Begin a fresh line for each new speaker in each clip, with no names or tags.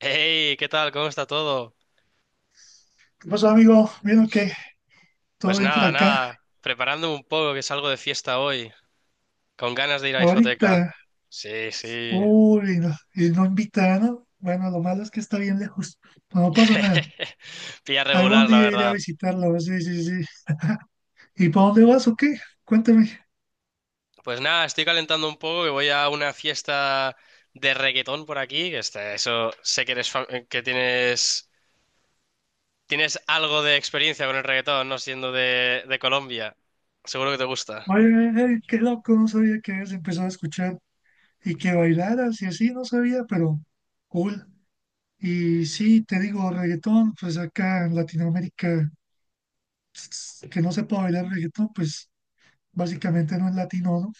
Hey, ¿qué tal? ¿Cómo está todo?
¿Qué pasó, amigo? ¿Vieron que todo
Pues
bien por
nada,
acá?
nada, preparándome un poco que salgo de fiesta hoy, con ganas de ir a discoteca.
Ahorita,
Sí, sí.
uy, no, y no invitaron. Bueno, lo malo es que está bien lejos. No, pasa nada.
Pilla
Algún
regular, la
día iré a
verdad.
visitarlo. Pues, sí, sí, sí. ¿Y para dónde vas o qué? Cuéntame.
Pues nada, estoy calentando un poco que voy a una fiesta de reggaetón por aquí, que está, eso sé que eres que tienes algo de experiencia con el reggaetón, no siendo de Colombia. Seguro que te gusta.
Oye, qué loco, no sabía que habías empezado a escuchar y que bailaras y así, no sabía, pero cool. Y sí, te digo, reggaetón, pues acá en Latinoamérica, que no sepa bailar reggaetón, pues básicamente no es latino, ¿no?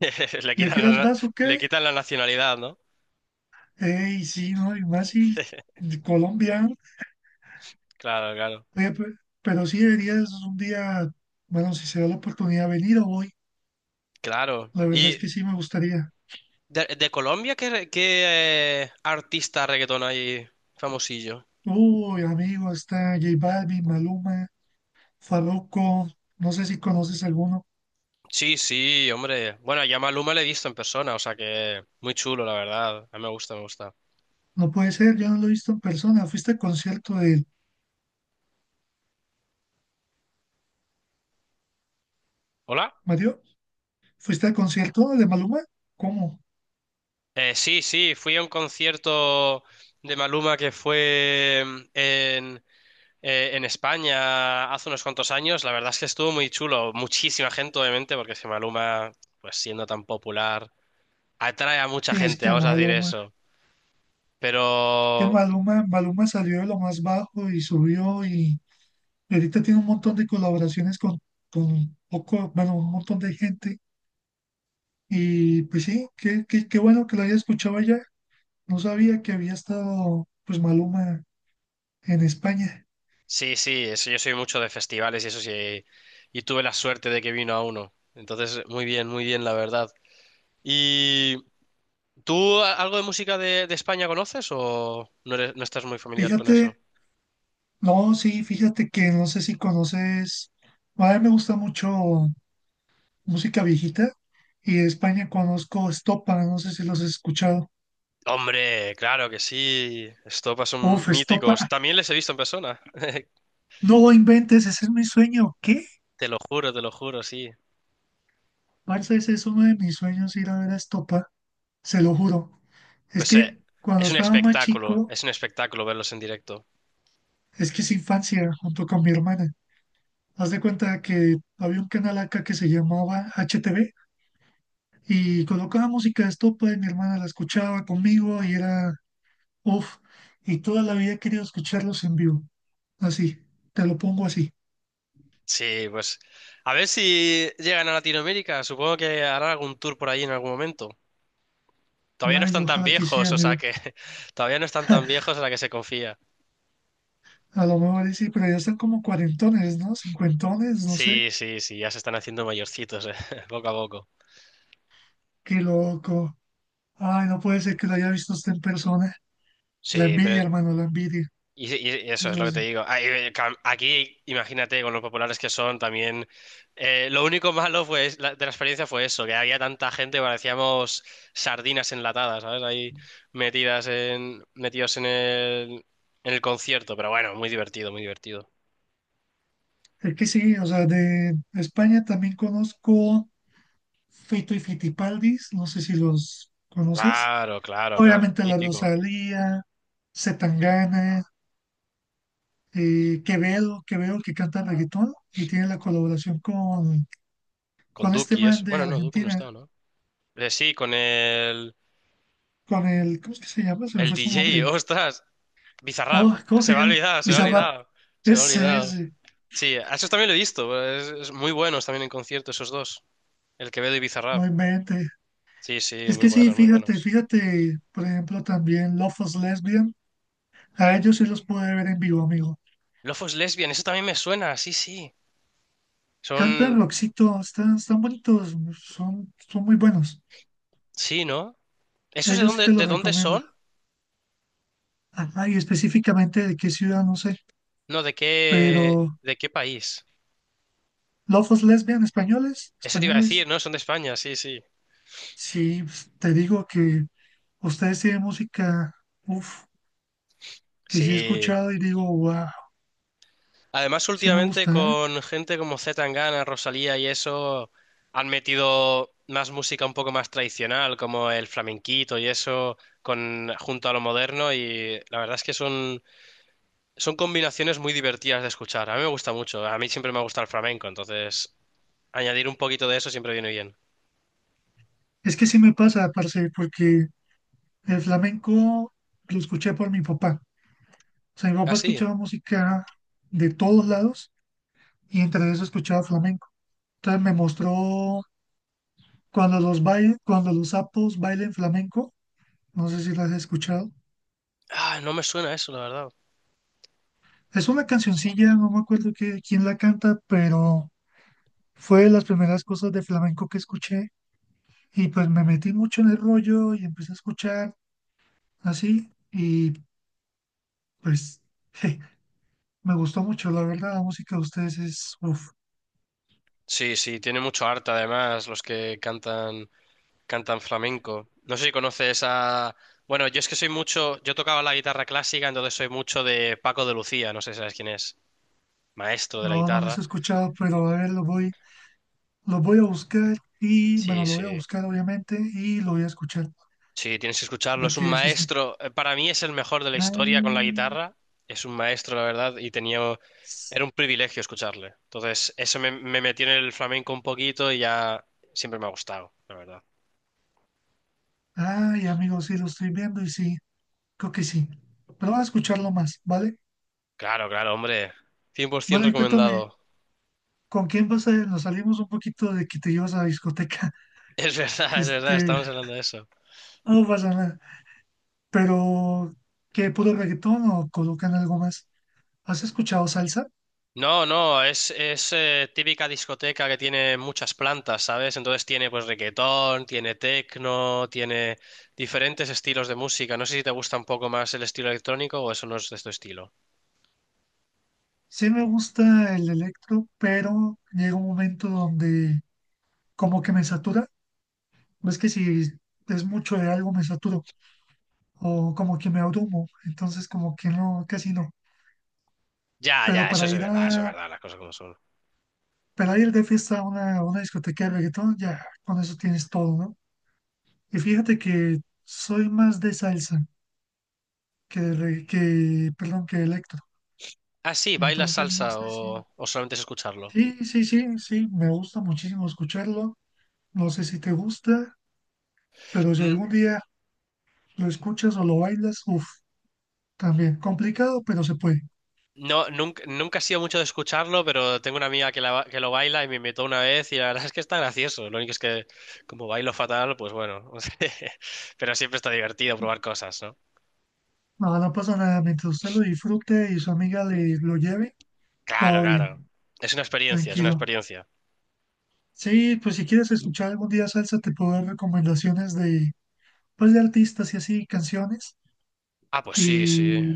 Le
¿Y a
quitan
qué horas
la,
vas o
le
qué?
quitan la nacionalidad, ¿no?
Ey, sí, no, y más si de Colombia,
Claro, claro.
oye, pero sí deberías un día, bueno, si se da la oportunidad, venir o voy.
Claro.
La verdad es
Y
que sí me gustaría.
¿de, de Colombia qué, qué, artista reggaetón hay famosillo?
Uy, amigo, está J Balvin, Maluma, Farruko, no sé si conoces alguno.
Sí, sí, hombre. Bueno, ya Maluma le he visto en persona, o sea que muy chulo, la verdad. A mí me gusta, me gusta.
No puede ser, yo no lo he visto en persona. ¿Fuiste al concierto de
¿Hola?
Mario? ¿Fuiste al concierto de Maluma? ¿Cómo?
Sí, sí, fui a un concierto de Maluma que fue en España hace unos cuantos años. La verdad es que estuvo muy chulo. Muchísima gente, obviamente, porque si Maluma, pues siendo tan popular, atrae a mucha
Sí, es
gente,
que
vamos a decir
Maluma,
eso. Pero
Maluma salió de lo más bajo y subió. Y ahorita tiene un montón de colaboraciones con un poco, bueno, un montón de gente. Y pues sí, qué bueno que la haya escuchado allá. No sabía que había estado pues Maluma en España.
sí, sí, eso, yo soy mucho de festivales y eso sí, y tuve la suerte de que vino a uno. Entonces, muy bien, la verdad. ¿Y tú algo de música de España conoces o no no estás muy familiar con eso?
Fíjate, no, sí, fíjate que no sé si conoces, a mí me gusta mucho música viejita y de España conozco Estopa, no sé si los has escuchado.
Hombre, claro que sí. Estopa son
Uf, Estopa,
míticos. También les he visto en persona.
no inventes, ese es mi sueño. ¿Qué?
Te lo juro, sí.
Parce, ese es uno de mis sueños ir a ver a Estopa. Se lo juro. Es
Pues
que cuando estaba más chico,
es un espectáculo verlos en directo.
es que es infancia junto con mi hermana. Haz de cuenta que había un canal acá que se llamaba HTV y colocaba música de estopa y mi hermana la escuchaba conmigo y era uff. Y toda la vida he querido escucharlos en vivo. Así, te lo pongo así.
Sí, pues a ver si llegan a Latinoamérica. Supongo que harán algún tour por ahí en algún momento. Todavía no
Ay,
están tan
ojalá que sí,
viejos, o sea
amigo.
que todavía no están tan viejos a la que se confía.
A lo mejor y sí, pero ya están como cuarentones, ¿no? Cincuentones, no sé.
Sí, sí, sí, ya se están haciendo mayorcitos, poco a poco.
Qué loco. Ay, no puede ser que lo haya visto usted en persona. La
Sí, pero
envidia, hermano, la envidia.
y eso es
Eso
lo que
sí.
te digo. Ah, aquí, imagínate, con los populares que son también. Lo único malo fue de la experiencia fue eso, que había tanta gente que parecíamos sardinas enlatadas, ¿sabes? Ahí metidas en, metidos en el concierto, pero bueno, muy divertido, muy divertido.
Es que sí, o sea, de España también conozco Fito y Fitipaldis, no sé si los conoces.
Claro, claro, claro.
Obviamente La
Mítico.
Rosalía, Zetangana, Quevedo, Quevedo que canta reggaetón y tiene la colaboración
Con
con este
Duki
man
es.
de
Bueno, no, Duki no
Argentina,
está, ¿no? Sí, con
con el, ¿cómo es que se llama? Se me
el
fue su
DJ,
nombre.
ostras, Bizarrap,
Oh, ¿cómo
se
se
me ha
llama?
olvidado, se me ha
Bizarrap.
olvidado, se me ha
Ese,
olvidado.
ese,
Sí, a esos también lo he visto, es muy buenos también en concierto esos dos, el Quevedo y Bizarrap.
no invente.
Sí, sí,
Es
muy
que sí,
buenos, muy buenos.
fíjate, por ejemplo, también Lofos Lesbian. A ellos sí los pude ver en vivo, amigo.
Lofos Lesbian, eso también me suena, sí, sí.
Canta
Son,
Roxito, están bonitos, son muy buenos.
sí, ¿no? ¿Esos
Ellos sí te los
de dónde
recomiendo.
son?
Ajá, y específicamente de qué ciudad, no sé.
No,
Pero
de qué país?
Lofos Lesbian, españoles,
Eso te iba a decir,
españoles.
¿no? Son de España, sí, sí.
Sí, pues, te digo que ustedes tienen música, uff, que sí he
Sí,
escuchado y digo, wow,
además,
sí me
últimamente
gusta, ¿eh?
con gente como C. Tangana, Rosalía y eso, han metido más música un poco más tradicional, como el flamenquito y eso, con, junto a lo moderno, y la verdad es que son, son combinaciones muy divertidas de escuchar. A mí me gusta mucho, a mí siempre me ha gustado el flamenco, entonces añadir un poquito de eso siempre viene bien.
Es que sí me pasa, parce, porque el flamenco lo escuché por mi papá. O sea, mi
Ah,
papá
sí.
escuchaba música de todos lados y entre eso escuchaba flamenco. Entonces me mostró cuando los sapos bailen flamenco, no sé si las has escuchado.
Ah, no me suena eso, la verdad.
Es una cancioncilla, no me acuerdo que, quién la canta, pero fue de las primeras cosas de flamenco que escuché y pues me metí mucho en el rollo y empecé a escuchar así y pues me gustó mucho, la verdad, la música de ustedes es, uff,
Sí, sí, tiene mucho arte además los que cantan. Cantan flamenco. No sé si conoces a... Bueno, yo es que soy mucho... Yo tocaba la guitarra clásica, entonces soy mucho de Paco de Lucía. No sé si sabes quién es. Maestro de la
no, no les he
guitarra.
escuchado, pero a ver, lo voy a buscar y bueno,
Sí,
lo voy a
sí.
buscar obviamente y lo voy a escuchar.
Sí, tienes que escucharlo. Es un
Porque se siente,
maestro. Para mí es el mejor de la
ay,
historia con la guitarra. Es un maestro, la verdad, y tenía...
s-
Era un privilegio escucharle. Entonces, eso me, me metió en el flamenco un poquito y ya siempre me ha gustado, la verdad.
ay, amigo, sí, lo estoy viendo y sí, creo que sí. Pero vamos a escucharlo más, ¿vale?
Claro, claro, hombre.
Bueno,
100%
y cuéntame,
recomendado.
¿con quién vas a ir? Nos salimos un poquito de que te llevas a la discoteca,
Es
que
verdad, es verdad,
este,
estamos hablando de eso.
no pasa nada. Pero, ¿qué, puro reggaetón o colocan algo más? ¿Has escuchado salsa?
No, no, es típica discoteca que tiene muchas plantas, ¿sabes? Entonces tiene pues reggaetón, tiene techno, tiene diferentes estilos de música. No sé si te gusta un poco más el estilo electrónico o eso no es de tu estilo.
Sí me gusta el electro, pero llega un momento donde como que me satura. ¿Ves que si es mucho de algo me saturo? O como que me abrumo, entonces como que no, casi no.
Ya,
Pero
ya, eso es verdad, las cosas como son.
para ir de fiesta a una discoteca de reggaetón, ya con eso tienes todo, ¿no? Y fíjate que soy más de salsa que de perdón, que de electro.
Ah, sí, ¿bailas
Entonces no
salsa
sé si,
o solamente es escucharlo?
sí, me gusta muchísimo escucharlo. No sé si te gusta, pero si
Mm,
algún día lo escuchas o lo bailas, uff, también complicado, pero se puede.
No, nunca, nunca he sido mucho de escucharlo, pero tengo una amiga que, la que lo baila y me invitó una vez y la verdad es que está gracioso. Lo único es que como bailo fatal, pues bueno, pero siempre está divertido probar cosas, ¿no?
No, no pasa nada, mientras usted lo disfrute y su amiga le lo lleve,
Claro,
todo
claro.
bien.
Es una experiencia, es una
Tranquilo.
experiencia.
Sí, pues si quieres escuchar algún día salsa, te puedo dar recomendaciones de, pues, de artistas y así, canciones.
Ah, pues sí, sí.
Y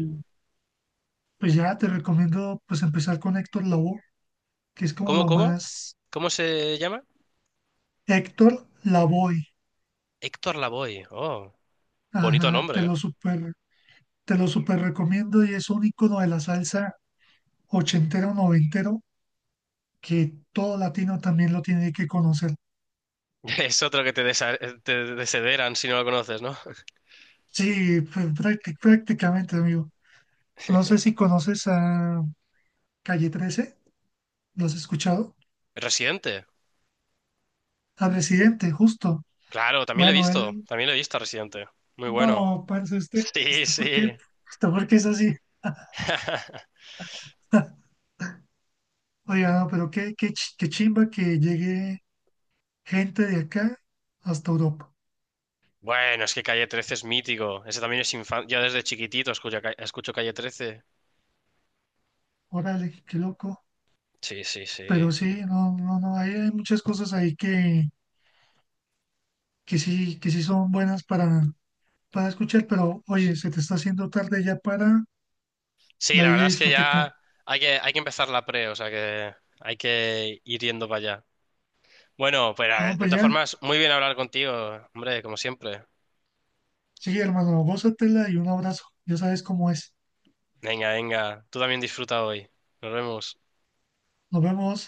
pues ya te recomiendo pues empezar con Héctor Lavoe, que es como
¿Cómo,
lo
cómo?
más...
¿Cómo se llama?
Héctor Lavoe.
Héctor Lavoe. Oh, bonito
Ajá,
nombre, ¿eh?
te lo super recomiendo y es un icono de la salsa ochentero, noventero, que todo latino también lo tiene que conocer.
Es otro que te, te desederan si no lo conoces, ¿no?
Sí, pues, prácticamente, amigo. No sé si conoces a Calle 13, ¿lo has escuchado?
Residente.
Al presidente, justo.
Claro, también lo he
Bueno,
visto.
él,
También lo he visto a Residente. Muy bueno.
no, parce, usted,
Sí,
¿esto por
sí.
qué? ¿Esto por qué es así? Oiga, no, pero qué chimba que llegue gente de acá hasta Europa.
Bueno, es que Calle 13 es mítico. Ese también es infancia. Yo desde chiquitito escucho, escucho Calle 13.
Órale, qué loco.
Sí, sí, sí.
Pero sí, no, no, no, hay muchas cosas ahí que sí son buenas para escuchar, pero oye, se te está haciendo tarde ya para
Sí,
la
la
vieja
verdad es que
discoteca.
ya hay que empezar la pre, o sea que hay que ir yendo para allá. Bueno, pues
Bueno,
de
pues
todas
ya,
formas, muy bien hablar contigo, hombre, como siempre.
sí, hermano, gózatela y un abrazo. Ya sabes cómo es.
Venga, venga, tú también disfruta hoy. Nos vemos.
Nos vemos.